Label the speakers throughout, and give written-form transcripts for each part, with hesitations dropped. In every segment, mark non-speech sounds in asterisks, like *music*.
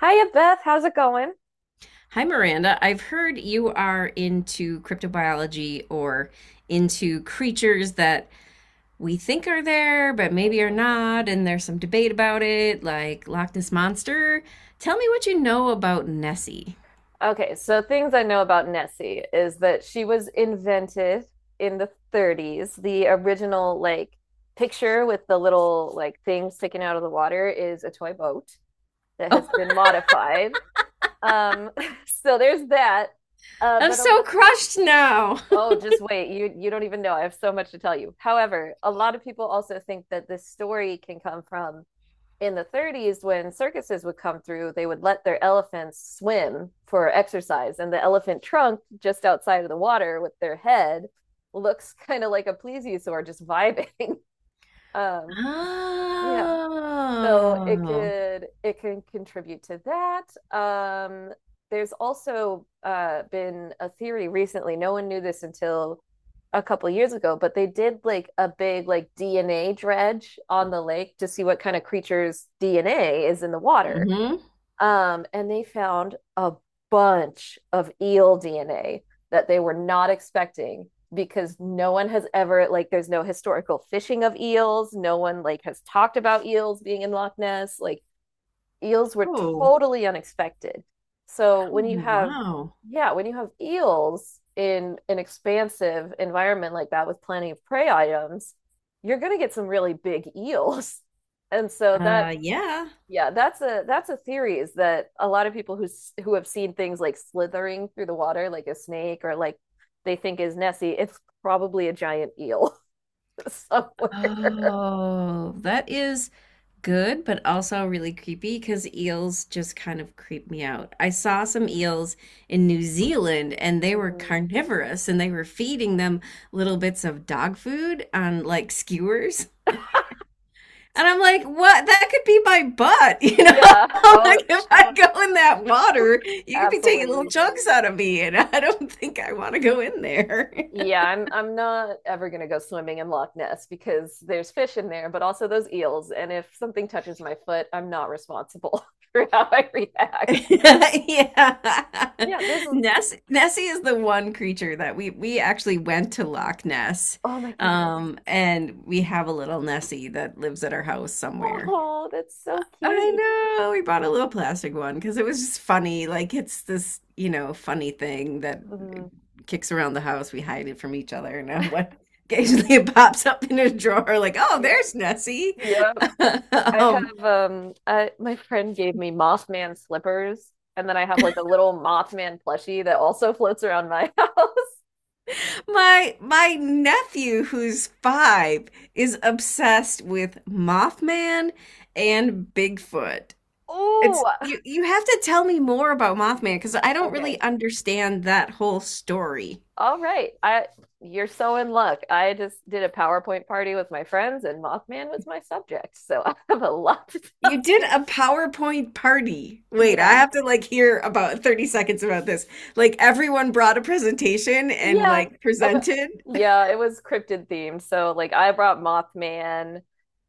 Speaker 1: Hiya, Beth. How's it going?
Speaker 2: Hi, Miranda. I've heard you are into cryptobiology, or into creatures that we think are there but maybe are
Speaker 1: Mhm.
Speaker 2: not, and there's some debate about it, like Loch Ness Monster. Tell me what you know about Nessie.
Speaker 1: Okay, so things I know about Nessie is that she was invented in the 30s. The original like picture with the little like thing sticking out of the water is a toy boat that
Speaker 2: Oh,
Speaker 1: has been modified. Um, *laughs* so there's that. Uh,
Speaker 2: *laughs* I'm
Speaker 1: but a,
Speaker 2: so crushed now.
Speaker 1: oh, just wait, you don't even know. I have so much to tell you. However, a lot of people also think that this story can come from in the 30s when circuses would come through, they would let their elephants swim for exercise, and the elephant trunk just outside of the water with their head looks *laughs* kind of like a plesiosaur just vibing. *laughs* um yeah, so it
Speaker 2: Oh.
Speaker 1: could it can contribute to that. Um, there's also been a theory recently. No one knew this until a couple of years ago, but they did like a big like DNA dredge on the lake to see what kind of creatures DNA is in the water.
Speaker 2: Mm-hmm.
Speaker 1: And they found a bunch of eel DNA that they were not expecting, because no one has ever, like, there's no historical fishing of eels, no one like has talked about eels being in Loch Ness. Like, eels were
Speaker 2: Oh.
Speaker 1: totally unexpected. So
Speaker 2: Oh,
Speaker 1: when you have,
Speaker 2: wow.
Speaker 1: yeah, when you have eels in an expansive environment like that with plenty of prey items, you're going to get some really big eels. *laughs* And so that,
Speaker 2: Yeah.
Speaker 1: yeah, that's a theory is that a lot of people who who have seen things like slithering through the water like a snake or like they think is Nessie, it's probably a giant eel *laughs* somewhere.
Speaker 2: Oh, that is good, but also really creepy because eels just kind of creep me out. I saw some eels in New Zealand and they were
Speaker 1: Mhm.
Speaker 2: carnivorous, and they were feeding them little bits of dog food on like skewers. And I'm like, what? That could be my butt?
Speaker 1: Yeah.
Speaker 2: *laughs*
Speaker 1: Oh,
Speaker 2: Like if I go in that water, you could be taking little
Speaker 1: absolutely.
Speaker 2: chunks out of me, and I don't think I want to go in there. *laughs*
Speaker 1: Yeah, I'm not ever gonna go swimming in Loch Ness because there's fish in there, but also those eels. And if something touches my foot, I'm not responsible *laughs* for how I react.
Speaker 2: *laughs* Yeah.
Speaker 1: Yeah,
Speaker 2: Nessie is the one creature that we actually went to Loch Ness.
Speaker 1: oh my goodness.
Speaker 2: And we have a little Nessie that lives at our house somewhere.
Speaker 1: Oh, that's so cute.
Speaker 2: I know, we bought a little plastic one because it was just funny. Like it's this, funny thing that
Speaker 1: Mhm.
Speaker 2: kicks around the house. We hide it from each other, and then *laughs* what, occasionally it pops up in a drawer, like, oh,
Speaker 1: Yep.
Speaker 2: there's Nessie.
Speaker 1: Yep.
Speaker 2: *laughs*
Speaker 1: I
Speaker 2: um,
Speaker 1: have I my friend gave me Mothman slippers, and then I have like a little Mothman plushie that also *laughs* floats around my *laughs* house.
Speaker 2: my nephew who's five is obsessed with Mothman and Bigfoot. It's
Speaker 1: Ooh.
Speaker 2: you have to tell me more about Mothman because I don't
Speaker 1: Okay.
Speaker 2: really understand that whole story.
Speaker 1: All right. I, you're so in luck. I just did a PowerPoint party with my friends and Mothman was my subject. So *laughs* I have a lot to tell
Speaker 2: You did
Speaker 1: you.
Speaker 2: a PowerPoint party. Wait, I
Speaker 1: Yeah.
Speaker 2: have to like hear about *laughs* 30 seconds about this. Like everyone brought a presentation and
Speaker 1: Yeah.
Speaker 2: like
Speaker 1: About,
Speaker 2: presented.
Speaker 1: yeah, it was cryptid themed. So like I brought Mothman.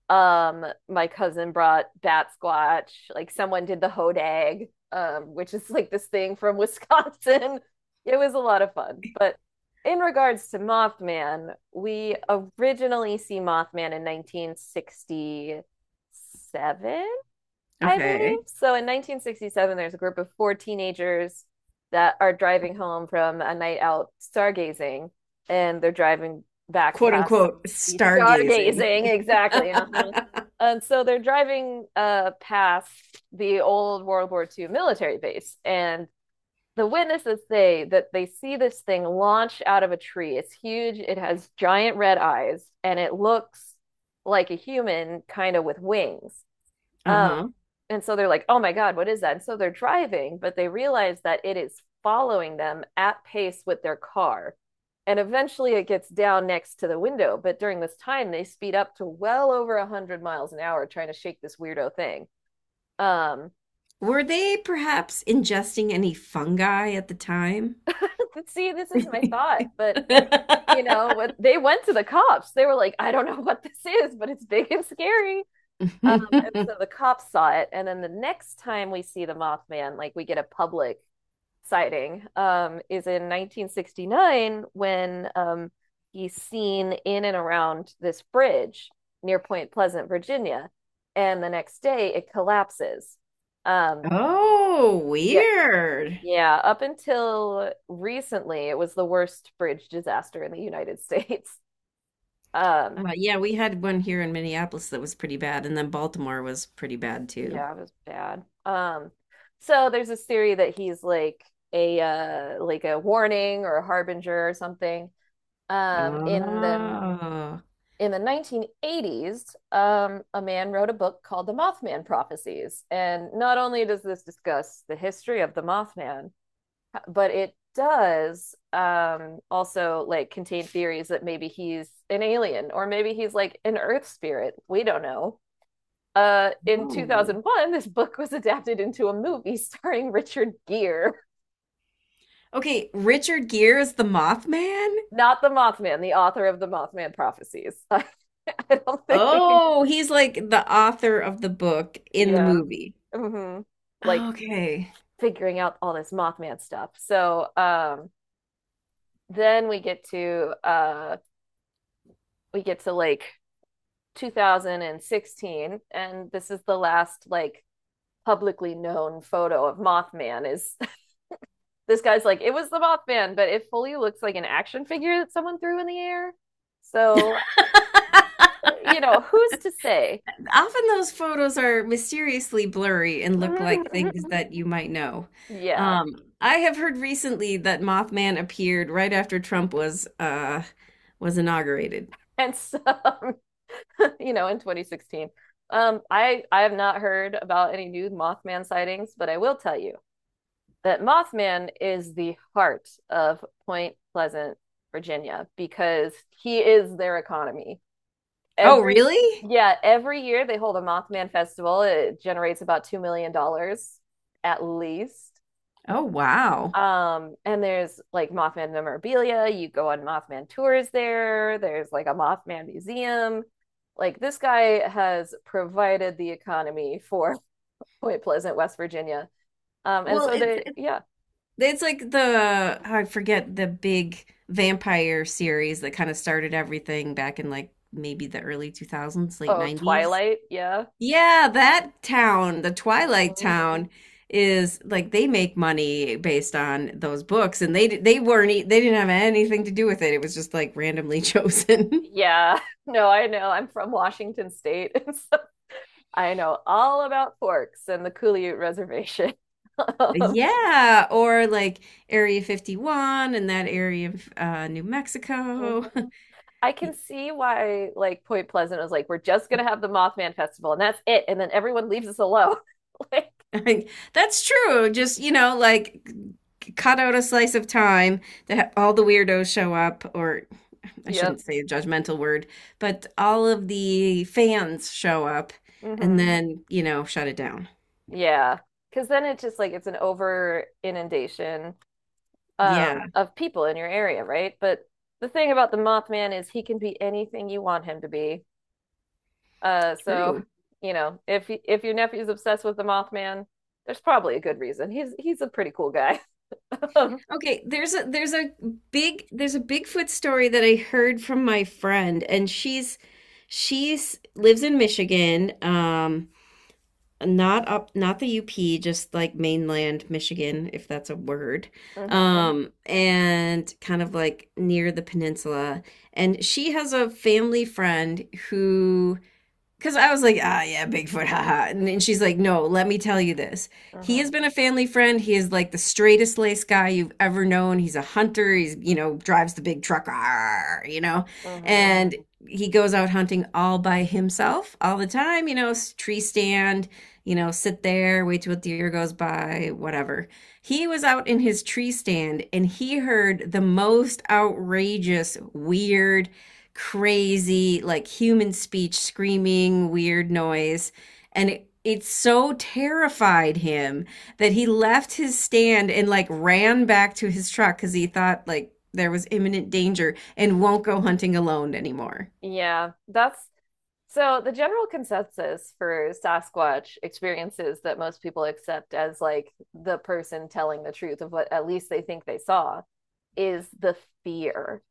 Speaker 1: My cousin brought bat squatch. Like someone did the hodag, which is like this thing from Wisconsin. *laughs* It was a lot of fun. But in regards to Mothman, we originally see Mothman in 1967, I believe.
Speaker 2: Okay.
Speaker 1: So in 1967, there's a group of four teenagers that are driving home from a night out stargazing, and they're driving back
Speaker 2: Quote
Speaker 1: past,
Speaker 2: unquote stargazing.
Speaker 1: stargazing. *laughs* Exactly. Uh-huh.
Speaker 2: *laughs*
Speaker 1: And so they're driving past the old World War II military base, and the witnesses say that they see this thing launch out of a tree. It's huge, it has giant red eyes, and it looks like a human, kind of with wings. Um,
Speaker 2: Uh-huh.
Speaker 1: and so they're like, oh my God, what is that? And so they're driving, but they realize that it is following them at pace with their car. And eventually it gets down next to the window. But during this time, they speed up to well over 100 miles an hour trying to shake this weirdo thing. Um,
Speaker 2: Were they perhaps ingesting any fungi at the time?
Speaker 1: *laughs* See, this is my thought, but you know what?
Speaker 2: *laughs*
Speaker 1: They went to the cops. They were like, I don't know what this is, but it's big and scary. Um, and so
Speaker 2: *laughs*
Speaker 1: the cops saw it, and then the next time we see the Mothman, like we get a public sighting, is in 1969 when he's seen in and around this bridge near Point Pleasant, Virginia, and the next day it collapses. Um,
Speaker 2: Oh,
Speaker 1: yeah,
Speaker 2: weird.
Speaker 1: yeah. Up until recently, it was the worst bridge disaster in the United States. *laughs* Um,
Speaker 2: Yeah, we had one here in Minneapolis that was pretty bad, and then Baltimore was pretty bad too.
Speaker 1: yeah, it was bad. So there's this theory that he's like a warning or a harbinger or something. Um, in the
Speaker 2: Oh.
Speaker 1: in the 1980s, a man wrote a book called The Mothman Prophecies. And not only does this discuss the history of the Mothman, but it does also like contain theories that maybe he's an alien or maybe he's like an earth spirit. We don't know. In
Speaker 2: Oh.
Speaker 1: 2001, this book was adapted into a movie starring Richard Gere,
Speaker 2: Okay, Richard Gere is the Mothman?
Speaker 1: not the Mothman, the author of The Mothman Prophecies. *laughs* I don't think we can,
Speaker 2: Oh, he's like the author of the book in the
Speaker 1: yeah,
Speaker 2: movie.
Speaker 1: hmm, like
Speaker 2: Okay.
Speaker 1: figuring out all this Mothman stuff. So then we get to like 2016, and this is the last like publicly known photo of Mothman is. *laughs* This guy's like, it was the Mothman, but it fully looks like an action figure that someone threw in the air. So, you know, who's to say?
Speaker 2: Often those photos are mysteriously blurry and look like
Speaker 1: *laughs*
Speaker 2: things that you might know.
Speaker 1: Yeah.
Speaker 2: Um, I have heard recently that Mothman appeared right after Trump was was inaugurated.
Speaker 1: And so, *laughs* you know, in 2016, I have not heard about any new Mothman sightings, but I will tell you that Mothman is the heart of Point Pleasant, Virginia, because he is their economy.
Speaker 2: Oh,
Speaker 1: Every
Speaker 2: really?
Speaker 1: Yeah, every year they hold a Mothman Festival. It generates about $2 million at least.
Speaker 2: Oh, wow.
Speaker 1: And there's like Mothman memorabilia. You go on Mothman tours there. There's like a Mothman museum. Like this guy has provided the economy for *laughs* Point Pleasant, West Virginia.
Speaker 2: Well, it's it's
Speaker 1: Yeah.
Speaker 2: it's like the, oh, I forget the big vampire series that kind of started everything back in like maybe the early 2000s, late
Speaker 1: Oh,
Speaker 2: 90s.
Speaker 1: Twilight, yeah.
Speaker 2: Yeah, that town, the Twilight
Speaker 1: Mhm.
Speaker 2: Town, is like they make money based on those books, and they weren't they didn't have anything to do with it. It was just like randomly *laughs* chosen.
Speaker 1: Yeah. *laughs* No, I know. I'm from Washington State. *laughs* So I know all about forks and the Couliute Reservation. *laughs* Um,
Speaker 2: Yeah, or like Area 51 and that area of New Mexico. *laughs*
Speaker 1: mhm. I can see why, like, Point Pleasant was like, we're just gonna have the Mothman Festival and that's it. And then everyone leaves us alone. *laughs* Like,
Speaker 2: I- That's true. Just, you know, like cut out a slice of time that all the weirdos show up, or I
Speaker 1: yep.
Speaker 2: shouldn't say a judgmental word, but all of the fans show up and
Speaker 1: Hmm.
Speaker 2: then, you know, shut it down.
Speaker 1: Yeah. Because then it's just like it's an over inundation
Speaker 2: Yeah,
Speaker 1: of people in your area, right? But the thing about the Mothman is he can be anything you want him to be. Uh, so,
Speaker 2: true.
Speaker 1: you know, if your nephew's obsessed with the Mothman, there's probably a good reason. He's a pretty cool guy. *laughs*
Speaker 2: Okay, there's a big, there's a Bigfoot story that I heard from my friend, and she's lives in Michigan, um, not up, not the UP, just like mainland Michigan, if that's a word.
Speaker 1: Mhm,
Speaker 2: Um, and kind of like near the peninsula. And she has a family friend who, because I was like, ah, yeah, Bigfoot, haha. And then she's like, no, let me tell you this. He
Speaker 1: mhm,
Speaker 2: has been a family friend. He is like the straightest lace guy you've ever known. He's a hunter. He's, you know, drives the big truck, "Arr," you know,
Speaker 1: mhm.
Speaker 2: and he goes out hunting all by himself all the time, you know, tree stand, you know, sit there, wait till a deer goes by, whatever. He was out in his tree stand and he heard the most outrageous, weird, crazy, like human speech, screaming, weird noise. And it so terrified him that he left his stand and like ran back to his truck because he thought like there was imminent danger, and won't go hunting alone anymore.
Speaker 1: Yeah, that's, so the general consensus for Sasquatch experiences that most people accept as like the person telling the truth of what at least they think they saw is the fear.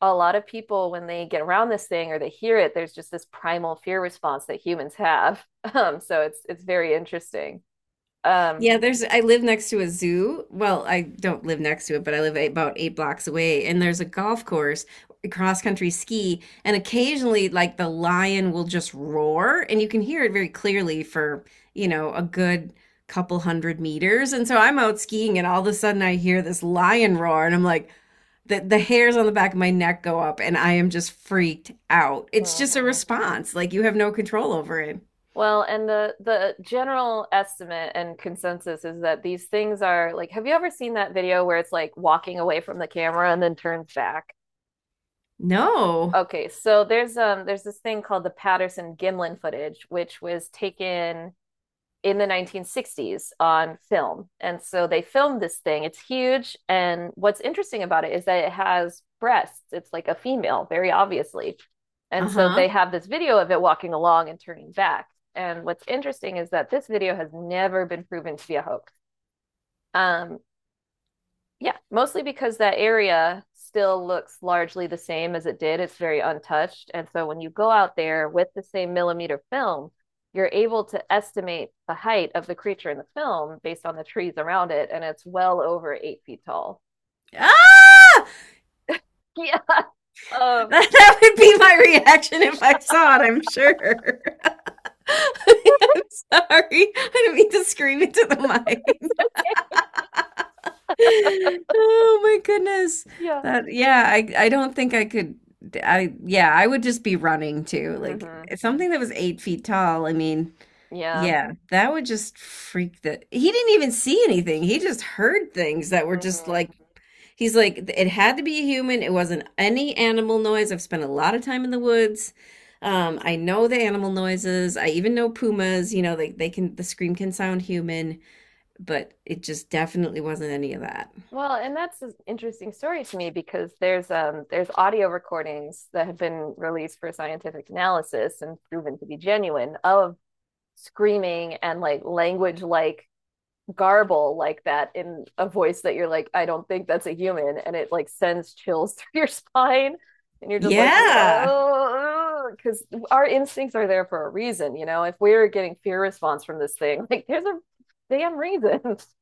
Speaker 1: A lot of people, when they get around this thing or they hear it, there's just this primal fear response that humans have. *laughs* So it's very interesting. Um,
Speaker 2: Yeah, there's, I live next to a zoo. Well, I don't live next to it, but I live about eight blocks away, and there's a golf course, cross country ski, and occasionally like the lion will just roar and you can hear it very clearly for, you know, a good couple hundred meters. And so I'm out skiing and all of a sudden I hear this lion roar and I'm like, the hairs on the back of my neck go up and I am just freaked out. It's just a
Speaker 1: mhm.
Speaker 2: response. Like you have no control over it.
Speaker 1: Well, and the general estimate and consensus is that these things are like, have you ever seen that video where it's like walking away from the camera and then turns back?
Speaker 2: No.
Speaker 1: Okay, so there's this thing called the Patterson-Gimlin footage, which was taken in the 1960s on film. And so they filmed this thing. It's huge. And what's interesting about it is that it has breasts. It's like a female, very obviously. And so they
Speaker 2: Uh-huh.
Speaker 1: have this video of it walking along and turning back. And what's interesting is that this video has never been proven to be a hoax. Um, yeah, mostly because that area still looks largely the same as it did. It's very untouched. And so when you go out there with the same millimeter film, you're able to estimate the height of the creature in the film based on the trees around it, and it's well over 8 feet tall.
Speaker 2: Ah!
Speaker 1: *laughs* Yeah.
Speaker 2: *laughs*
Speaker 1: Um,
Speaker 2: That would be my reaction if I saw it, I'm sure. *laughs* I'm sorry. I didn't mean to scream into the mic. *laughs* Oh my goodness.
Speaker 1: yeah.
Speaker 2: That, yeah, I don't think I could, I yeah, I would just be running too. Like
Speaker 1: Hmm.
Speaker 2: something that was 8 feet tall, I mean,
Speaker 1: Yeah.
Speaker 2: yeah, that would just freak, the he didn't even see anything. He just heard things that were just
Speaker 1: Hmm.
Speaker 2: like, he's like, it had to be a human. It wasn't any animal noise. I've spent a lot of time in the woods. I know the animal noises. I even know pumas. You know, they can, the scream can sound human, but it just definitely wasn't any of that.
Speaker 1: Well, and that's an interesting story to me because there's audio recordings that have been released for scientific analysis and proven to be genuine of screaming and like language like garble like that in a voice that you're like, I don't think that's a human. And it like sends chills *laughs* through your spine. And you're just like,
Speaker 2: Yeah.
Speaker 1: whoa, because our instincts are there for a reason. You know, if we're getting fear response from this thing, *laughs* like there's a damn reason. *laughs*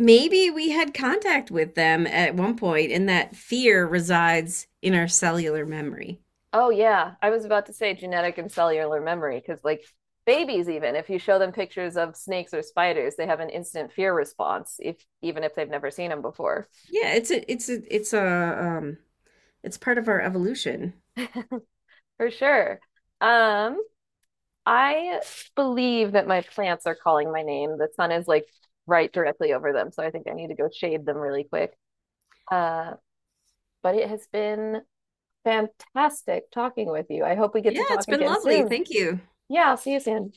Speaker 2: Maybe we had contact with them at one point, and that fear resides in our cellular memory.
Speaker 1: Oh, yeah. I was about to say genetic and cellular memory because, like, babies, even if you show them pictures of snakes or spiders, they have an instant fear response, if even if they've never seen them before.
Speaker 2: Yeah, it's part of our evolution.
Speaker 1: For sure. Um, I believe that my plants are calling my name. The sun is like right directly over them, so I think I need to go shade them really quick. Uh, but it has been fantastic talking with you. I hope we get
Speaker 2: Yeah,
Speaker 1: to
Speaker 2: it's
Speaker 1: talk
Speaker 2: been
Speaker 1: again
Speaker 2: lovely.
Speaker 1: soon.
Speaker 2: Thank you.
Speaker 1: Yeah, I'll see you soon.